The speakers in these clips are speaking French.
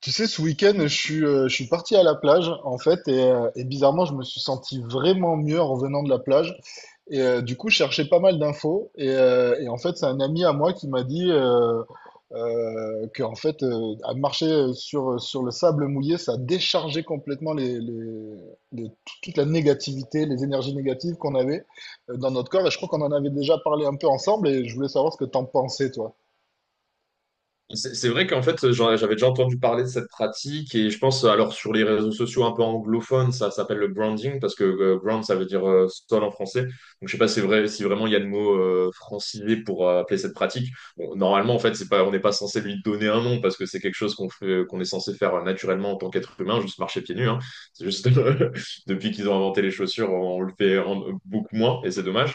Tu sais, ce week-end, je suis parti à la plage, en fait, et bizarrement, je me suis senti vraiment mieux en revenant de la plage. Et du coup, je cherchais pas mal d'infos. Et en fait, c'est un ami à moi qui m'a dit que, en fait, à marcher sur le sable mouillé, ça déchargeait complètement les- toute la négativité, les énergies négatives qu'on avait dans notre corps. Et je crois qu'on en avait déjà parlé un peu ensemble, et je voulais savoir ce que t'en pensais, toi. C'est vrai qu'en fait, j'avais déjà entendu parler de cette pratique, et je pense, alors sur les réseaux sociaux un peu anglophones, ça s'appelle le branding parce que ground, ça veut dire sol en français. Donc je sais pas si, si vraiment il y a le mot francisé pour appeler cette pratique. Bon, normalement, en fait, c'est pas, on n'est pas censé lui donner un nom parce que c'est quelque chose qu'on fait, qu'on est censé faire naturellement en tant qu'être humain, juste marcher pieds nus, hein. C'est juste depuis qu'ils ont inventé les chaussures, on le fait beaucoup moins, et c'est dommage.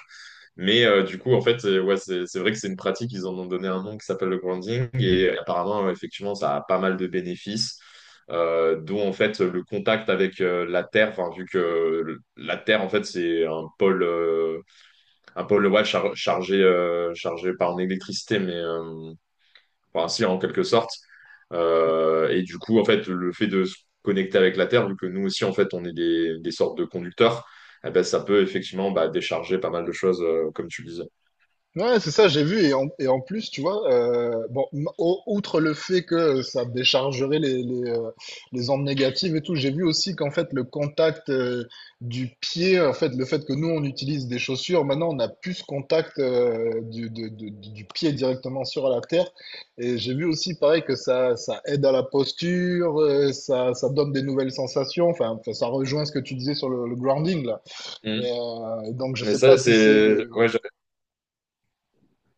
Mais du coup, en fait, ouais, c'est vrai que c'est une pratique, ils en ont donné un nom qui s'appelle le grounding, et apparemment, effectivement, ça a pas mal de bénéfices, dont en fait le contact avec la Terre, enfin, vu que la Terre, en fait, c'est un pôle, un pôle, ouais, chargé, chargé par une électricité, mais enfin, si, en quelque sorte. Et du coup, en fait, le fait de se connecter avec la Terre, vu que nous aussi, en fait, on est des sortes de conducteurs, eh ben, ça peut effectivement, bah, décharger pas mal de choses, comme tu le disais. Ouais, c'est ça, j'ai vu. Et en plus, tu vois, outre le fait que ça déchargerait les ondes négatives et tout, j'ai vu aussi qu'en fait, le contact du pied, en fait, le fait que nous, on utilise des chaussures, maintenant, on a plus ce contact du, de- du pied directement sur la terre. Et j'ai vu aussi, pareil, que ça aide à la posture, ça donne des nouvelles sensations. Enfin, ça rejoint ce que tu disais sur le grounding, là. Mm. Donc, je Mais sais pas ça, si c'est. c'est... Ouais, j'a-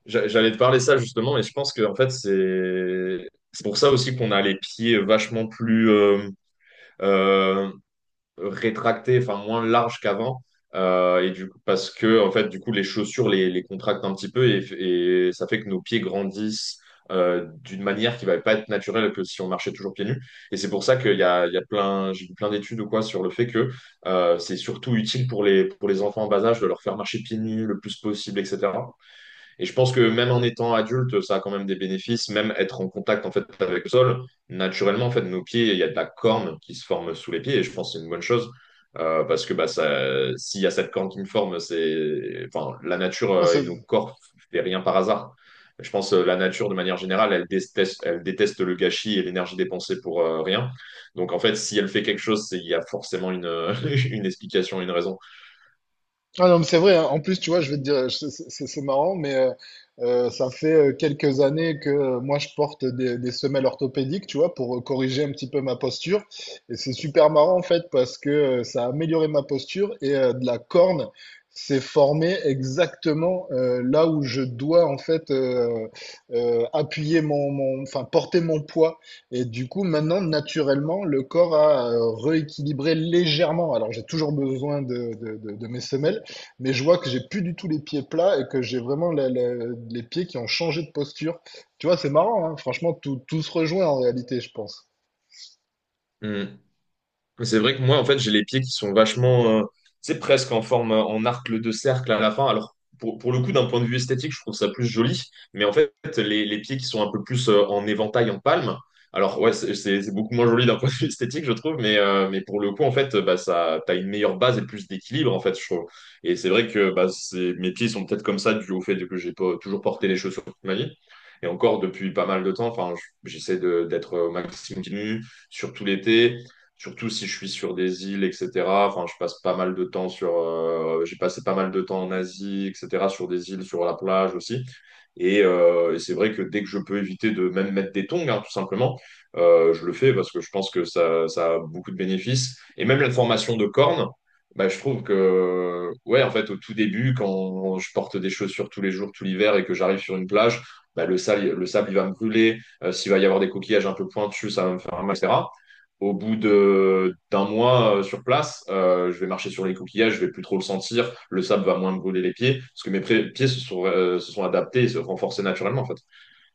j'a- j'allais te parler ça justement, mais je pense que en fait, c'est... C'est pour ça aussi qu'on a les pieds vachement plus euh, rétractée, enfin moins large qu'avant. Et du coup, parce que en fait, du coup, les chaussures les contractent un petit peu, et ça fait que nos pieds grandissent d'une manière qui va pas être naturelle que si on marchait toujours pieds nus. Et c'est pour ça qu'il y a plein, j'ai vu plein d'études ou quoi sur le fait que c'est surtout utile pour les enfants en bas âge de leur faire marcher pieds nus le plus possible, etc. Et je pense que même en étant adulte, ça a quand même des bénéfices, même être en contact en fait avec le sol. Naturellement, en fait, nos pieds, il y a de la corne qui se forme sous les pieds, et je pense que c'est une bonne chose, parce que bah, ça, s'il y a cette corne qui me forme, c'est, enfin, la nature Ah, et nos c'est- corps fait rien par hasard. Je pense que la nature, de manière générale, elle déteste le gâchis et l'énergie dépensée pour rien. Donc, en fait, si elle fait quelque chose, il y a forcément une, une explication, une raison. Ah non, mais c'est vrai, hein. En plus, tu vois, je vais te dire, c'est marrant, ça fait quelques années que moi, je porte des semelles orthopédiques, tu vois, pour corriger un petit peu ma posture. Et c'est super marrant, en fait, parce que ça a amélioré ma posture et de la corne s'est formée exactement là où je dois, en fait, appuyer enfin, porter mon poids. Et du coup, maintenant, naturellement, le corps a rééquilibré légèrement. Alors, j'ai toujours besoin de mes semelles, mais je vois que j'ai plus du tout les pieds plats et que j'ai vraiment les pieds qui ont changé de posture. Tu vois, c'est marrant, hein. Franchement, tout se rejoint en réalité, je pense. Hmm. C'est vrai que moi, en fait, j'ai les pieds qui sont vachement, tu sais, presque en forme, en arc de cercle à la fin. Alors, pour le coup, d'un point de vue esthétique, je trouve ça plus joli. Mais en fait, les pieds qui sont un peu plus en éventail, en palme. Alors, ouais, c'est beaucoup moins joli d'un point de vue esthétique, je trouve. Mais pour le coup, en fait, bah, ça, t'as une meilleure base et plus d'équilibre, en fait, je trouve. Et c'est vrai que bah, mes pieds sont peut-être comme ça dû au fait que j'ai pas toujours porté les chaussures toute ma vie. Et encore depuis pas mal de temps, enfin, j'essaie d'être au maximum continu, surtout l'été, surtout si je suis sur des îles, etc. Enfin, je passe pas mal de temps sur, j'ai passé pas mal de temps en Asie, etc. Sur des îles, sur la plage aussi. Et c'est vrai que dès que je peux éviter de même mettre des tongs, hein, tout simplement, je le fais parce que je pense que ça a beaucoup de bénéfices. Et même la formation de cornes, bah, je trouve que, ouais, en fait, au tout début, quand je porte des chaussures tous les jours, tout l'hiver, et que j'arrive sur une plage, bah, le sable, il va me brûler. S'il va y avoir des coquillages un peu pointus, ça va me faire mal, etc. Au bout de d'un mois sur place, je vais marcher sur les coquillages, je vais plus trop le sentir, le sable va moins me brûler les pieds, parce que mes pieds se sont adaptés et se renforcés naturellement en fait.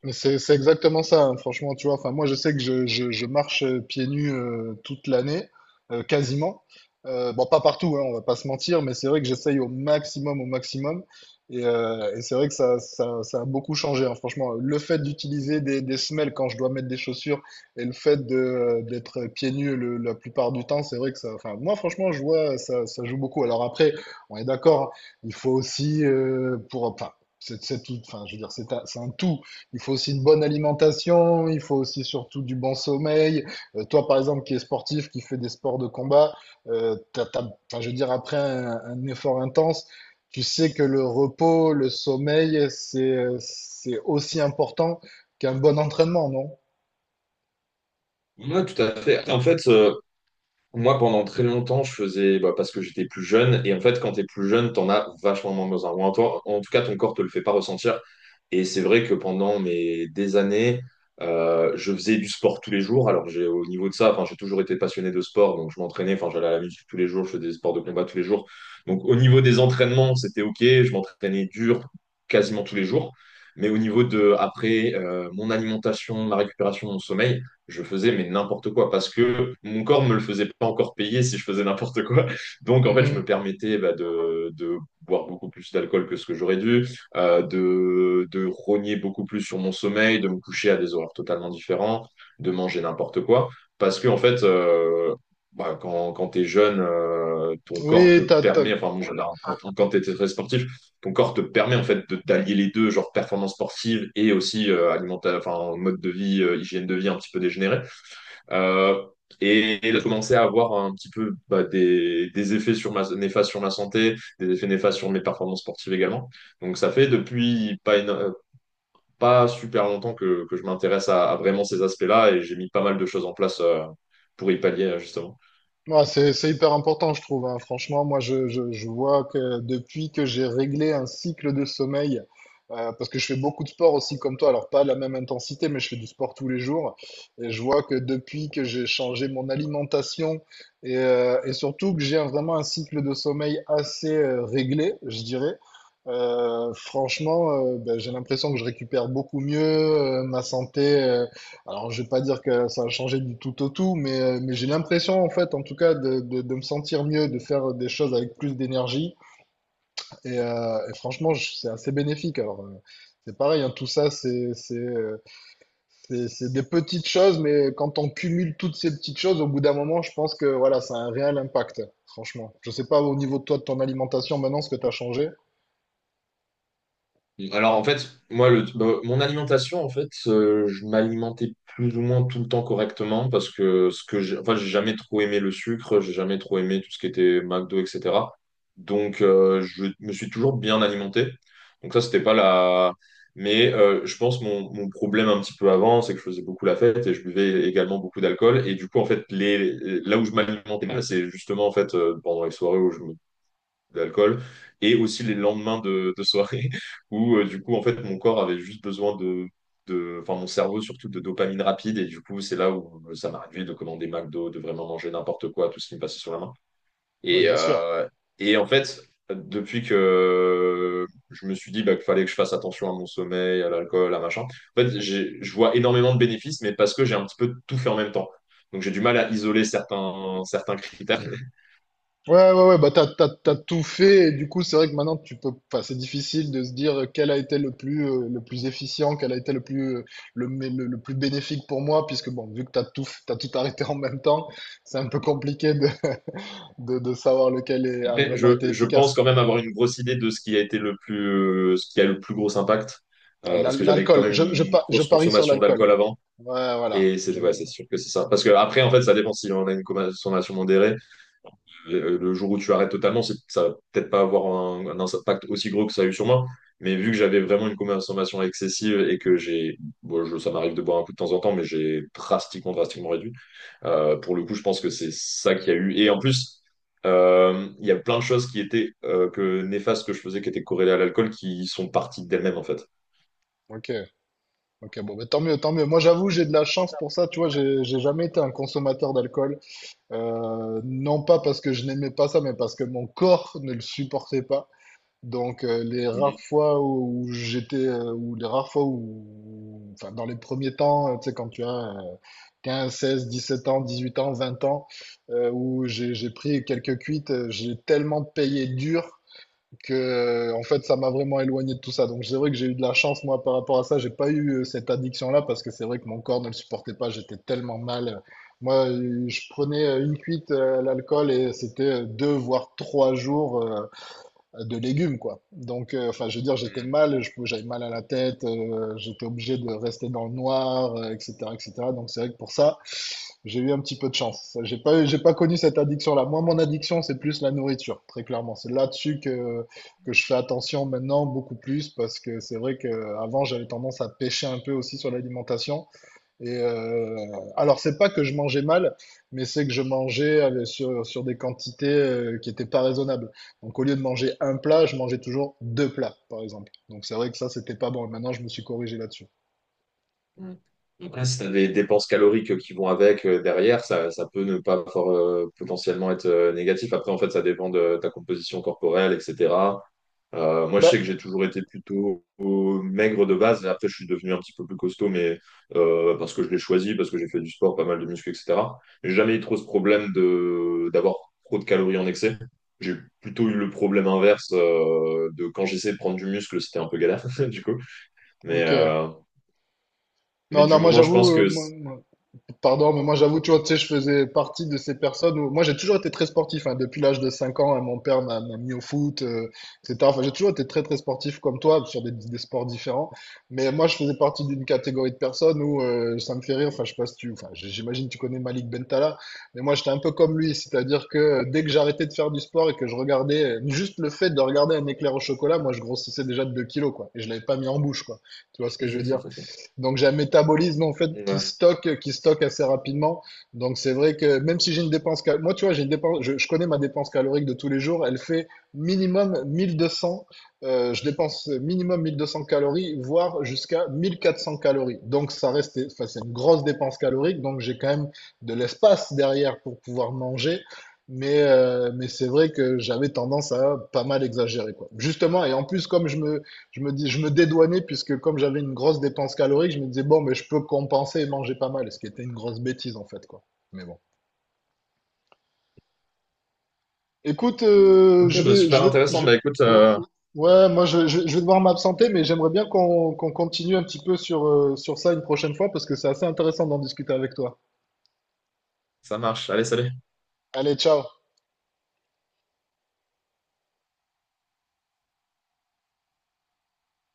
Mais c'est exactement ça, hein, franchement, tu vois. Enfin, moi, je sais que je marche pieds nus toute l'année, quasiment. Bon, pas partout, hein, on va pas se mentir, mais c'est vrai que j'essaye au maximum, au maximum. Et c'est vrai que ça a beaucoup changé, hein, franchement. Le fait d'utiliser des semelles quand je dois mettre des chaussures et le fait d'être pieds nus la plupart du temps, c'est vrai que ça, enfin, moi, franchement, je vois, ça joue beaucoup. Alors après, on est d'accord, il faut aussi, enfin, c'est tout, enfin, je veux dire, c'est un tout. Il faut aussi une bonne alimentation, il faut aussi surtout du bon sommeil. Toi, par exemple, qui est sportif, qui fait des sports de combat, euh, t'as- t'as- enfin, je veux dire, après un effort intense, tu sais que le repos, le sommeil, c'est aussi important qu'un bon entraînement, non? Ouais, tout à fait. En fait, moi, pendant très longtemps, je faisais bah, parce que j'étais plus jeune. Et en fait, quand t'es plus jeune, t'en as vachement moins besoin. Ou en tout cas, ton corps te le fait pas ressentir. Et c'est vrai que pendant mes des années, je faisais du sport tous les jours. Alors, j'ai au niveau de ça, enfin, j'ai toujours été passionné de sport, donc je m'entraînais. Enfin, j'allais à la musique tous les jours, je faisais des sports de combat tous les jours. Donc, au niveau des entraînements, c'était ok. Je m'entraînais dur quasiment tous les jours. Mais au niveau de après, mon alimentation, ma récupération, mon sommeil, je faisais mais n'importe quoi parce que mon corps me le faisait pas encore payer si je faisais n'importe quoi. Donc en fait, je me Mhm. permettais bah, de boire beaucoup plus d'alcool que ce que j'aurais dû, de rogner beaucoup plus sur mon sommeil, de me coucher à des horaires totalement différents, de manger n'importe quoi, parce que en fait, bah, quand tu es jeune, ton corps te Oui, permet, enfin bon, quand tu es très sportif, ton corps te permet en fait de d'allier les deux, genre performance sportive et aussi alimentaire, enfin mode de vie, hygiène de vie un petit peu dégénérée. Euh, et de commencer à avoir un petit peu bah, des effets néfastes sur ma santé, des effets néfastes sur mes performances sportives également. Donc ça fait depuis pas super longtemps que je m'intéresse à vraiment ces aspects-là, et j'ai mis pas mal de choses en place pour y pallier justement. Ouais, c'est hyper important, je trouve, hein. Franchement, moi, je vois que depuis que j'ai réglé un cycle de sommeil, parce que je fais beaucoup de sport aussi comme toi, alors pas à la même intensité, mais je fais du sport tous les jours. Et je vois que depuis que j'ai changé mon alimentation et surtout que j'ai vraiment un cycle de sommeil assez réglé, je dirais, franchement, j'ai l'impression que je récupère beaucoup mieux, ma santé. Alors, je vais pas dire que ça a changé du tout au tout, mais j'ai l'impression, en fait, en tout cas, de me sentir mieux, de faire des choses avec plus d'énergie. Et franchement, c'est assez bénéfique. Alors, c'est pareil, hein, tout ça, c'est des petites choses, mais quand on cumule toutes ces petites choses, au bout d'un moment, je pense que voilà, ça a un réel impact, franchement. Je sais pas au niveau de toi, de ton alimentation, maintenant, ce que tu as changé. Alors en fait, moi, bah, mon alimentation, en fait, je m'alimentais plus ou moins tout le temps correctement parce que enfin, j'ai jamais trop aimé le sucre, j'ai jamais trop aimé tout ce qui était McDo, etc. Donc je me suis toujours bien alimenté. Donc ça, c'était pas la... Mais je pense mon problème un petit peu avant, c'est que je faisais beaucoup la fête et je buvais également beaucoup d'alcool. Et du coup, en fait, là où je m'alimentais mal, c'est justement en fait pendant les soirées où je me... d'alcool, et aussi les lendemains de soirée, où du coup en fait mon corps avait juste besoin de enfin mon cerveau surtout de dopamine rapide, et du coup c'est là où ça m'a de commander McDo, de vraiment manger n'importe quoi, tout ce qui me passait sur la main, Oui, et bien sûr. euh, et en fait depuis que je me suis dit bah, qu'il fallait que je fasse attention à mon sommeil, à l'alcool, à machin, en fait je vois énormément de bénéfices, mais parce que j'ai un petit peu tout fait en même temps, donc j'ai du mal à isoler certains critères. Ouais, ouais, ouais, bah t'as tout fait, et du coup, c'est vrai que maintenant, tu peux, enfin, c'est difficile de se dire quel a été le plus efficient, quel a été le plus, le plus bénéfique pour moi, puisque bon, vu que t'as tout, t'as tout arrêté en même temps, c'est un peu compliqué de savoir lequel a Après, vraiment Je, été je pense efficace. quand même avoir une grosse idée de ce qui a été le plus, ce qui a le plus gros impact, Ouais, parce que j'avais quand l'alcool, même une je grosse parie sur consommation l'alcool. d'alcool avant, Ouais, voilà. et c'est ouais, c'est sûr que c'est ça. Parce que après, en fait, ça dépend si on a une consommation modérée. Le jour où tu arrêtes totalement, ça va peut-être pas avoir un impact aussi gros que ça a eu sur moi. Mais vu que j'avais vraiment une consommation excessive et que j'ai, bon, ça m'arrive de boire un coup de temps en temps, mais j'ai drastiquement, drastiquement réduit. Pour le coup, je pense que c'est ça qu'il y a eu. Et en plus, il y a plein de choses qui étaient que néfastes que je faisais, qui étaient corrélées à l'alcool, qui sont parties d'elles-mêmes, en fait. Ok, ok, bon, bah, tant mieux, tant mieux. Moi, j'avoue, j'ai de la chance pour ça, tu vois, j'ai jamais été un consommateur d'alcool. Non pas parce que je n'aimais pas ça, mais parce que mon corps ne le supportait pas. Donc les rares Mhm. fois où j'étais, ou les rares fois où, enfin dans les premiers temps, tu sais, quand tu as 15, 16, 17 ans, 18 ans, 20 ans, où j'ai pris quelques cuites, j'ai tellement payé dur que en fait ça m'a vraiment éloigné de tout ça. Donc c'est vrai que j'ai eu de la chance moi par rapport à ça, j'ai pas eu cette addiction-là parce que c'est vrai que mon corps ne le supportait pas, j'étais tellement mal. Moi, je prenais une cuite à l'alcool et c'était 2 voire 3 jours de légumes quoi. Donc enfin je veux dire j'étais Mhm. mal, j'avais mal à la tête, j'étais obligé de rester dans le noir, etc., etc. Donc c'est vrai que pour ça j'ai eu un petit peu de chance. J'ai pas connu cette addiction-là. Moi, mon addiction, c'est plus la nourriture, très clairement. C'est là-dessus que je fais attention maintenant, beaucoup plus, parce que c'est vrai qu'avant, j'avais tendance à pêcher un peu aussi sur l'alimentation. Et alors, c'est pas que je mangeais mal, mais c'est que je mangeais sur des quantités qui n'étaient pas raisonnables. Donc, au lieu de manger un plat, je mangeais toujours deux plats, par exemple. Donc, c'est vrai que ça, c'était pas bon. Et maintenant, je me suis corrigé là-dessus. Mm. Après, si tu as des dépenses caloriques qui vont avec derrière, ça peut ne pas fort, potentiellement être négatif. Après, en fait, ça dépend de ta composition corporelle, etc. Moi, je Bah, sais que j'ai toujours été plutôt maigre de base. Après, je suis devenu un petit peu plus costaud, mais parce que je l'ai choisi, parce que j'ai fait du sport, pas mal de muscu, etc. J'ai jamais eu trop ce problème de d'avoir trop de calories en excès. J'ai plutôt eu le problème inverse, de quand j'essayais de prendre du muscle, c'était un peu galère, du coup. Mais, ok. euh, mais Non, du non, moi, moment, je j'avoue, pense que... Pardon, mais moi j'avoue, tu vois, tu sais, je faisais partie de ces personnes où moi j'ai toujours été très sportif, hein. Depuis l'âge de 5 ans, hein, mon père m'a mis au foot, etc. Enfin, j'ai toujours été très très sportif comme toi sur des sports différents. Mais moi je faisais partie d'une catégorie de personnes où ça me fait rire. Enfin, je sais pas si tu, enfin, j'imagine que tu connais Malik Bentala, mais moi j'étais un peu comme lui, c'est-à-dire que dès que j'arrêtais de faire du sport et que je regardais juste le fait de regarder un éclair au chocolat, moi je grossissais déjà de 2 kilos quoi, et je l'avais pas mis en bouche quoi. Tu vois ce que je veux dire? Donc j'ai un métabolisme en fait qui Ouais. stocke, qui stocke assez rapidement. Donc c'est vrai que même si j'ai une dépense, moi tu vois, j'ai une dépense, je connais ma dépense calorique de tous les jours, elle fait minimum 1 200. Je dépense minimum 1 200 calories, voire jusqu'à 1 400 calories. Donc ça reste, enfin c'est une grosse dépense calorique. Donc j'ai quand même de l'espace derrière pour pouvoir manger. Mais c'est vrai que j'avais tendance à pas mal exagérer, quoi. Justement, et en plus, comme je me dédouanais puisque comme j'avais une grosse dépense calorique, je me disais bon, mais je peux compenser et manger pas mal, ce qui était une grosse bêtise en fait, quoi. Mais bon. Écoute, Ok, je bah, vais, super je vais, intéressant. je- Bah écoute, ou- ouais, moi je vais devoir m'absenter, mais j'aimerais bien qu'on continue un petit peu sur ça une prochaine fois parce que c'est assez intéressant d'en discuter avec toi. ça marche. Allez, salut. Allez, ciao.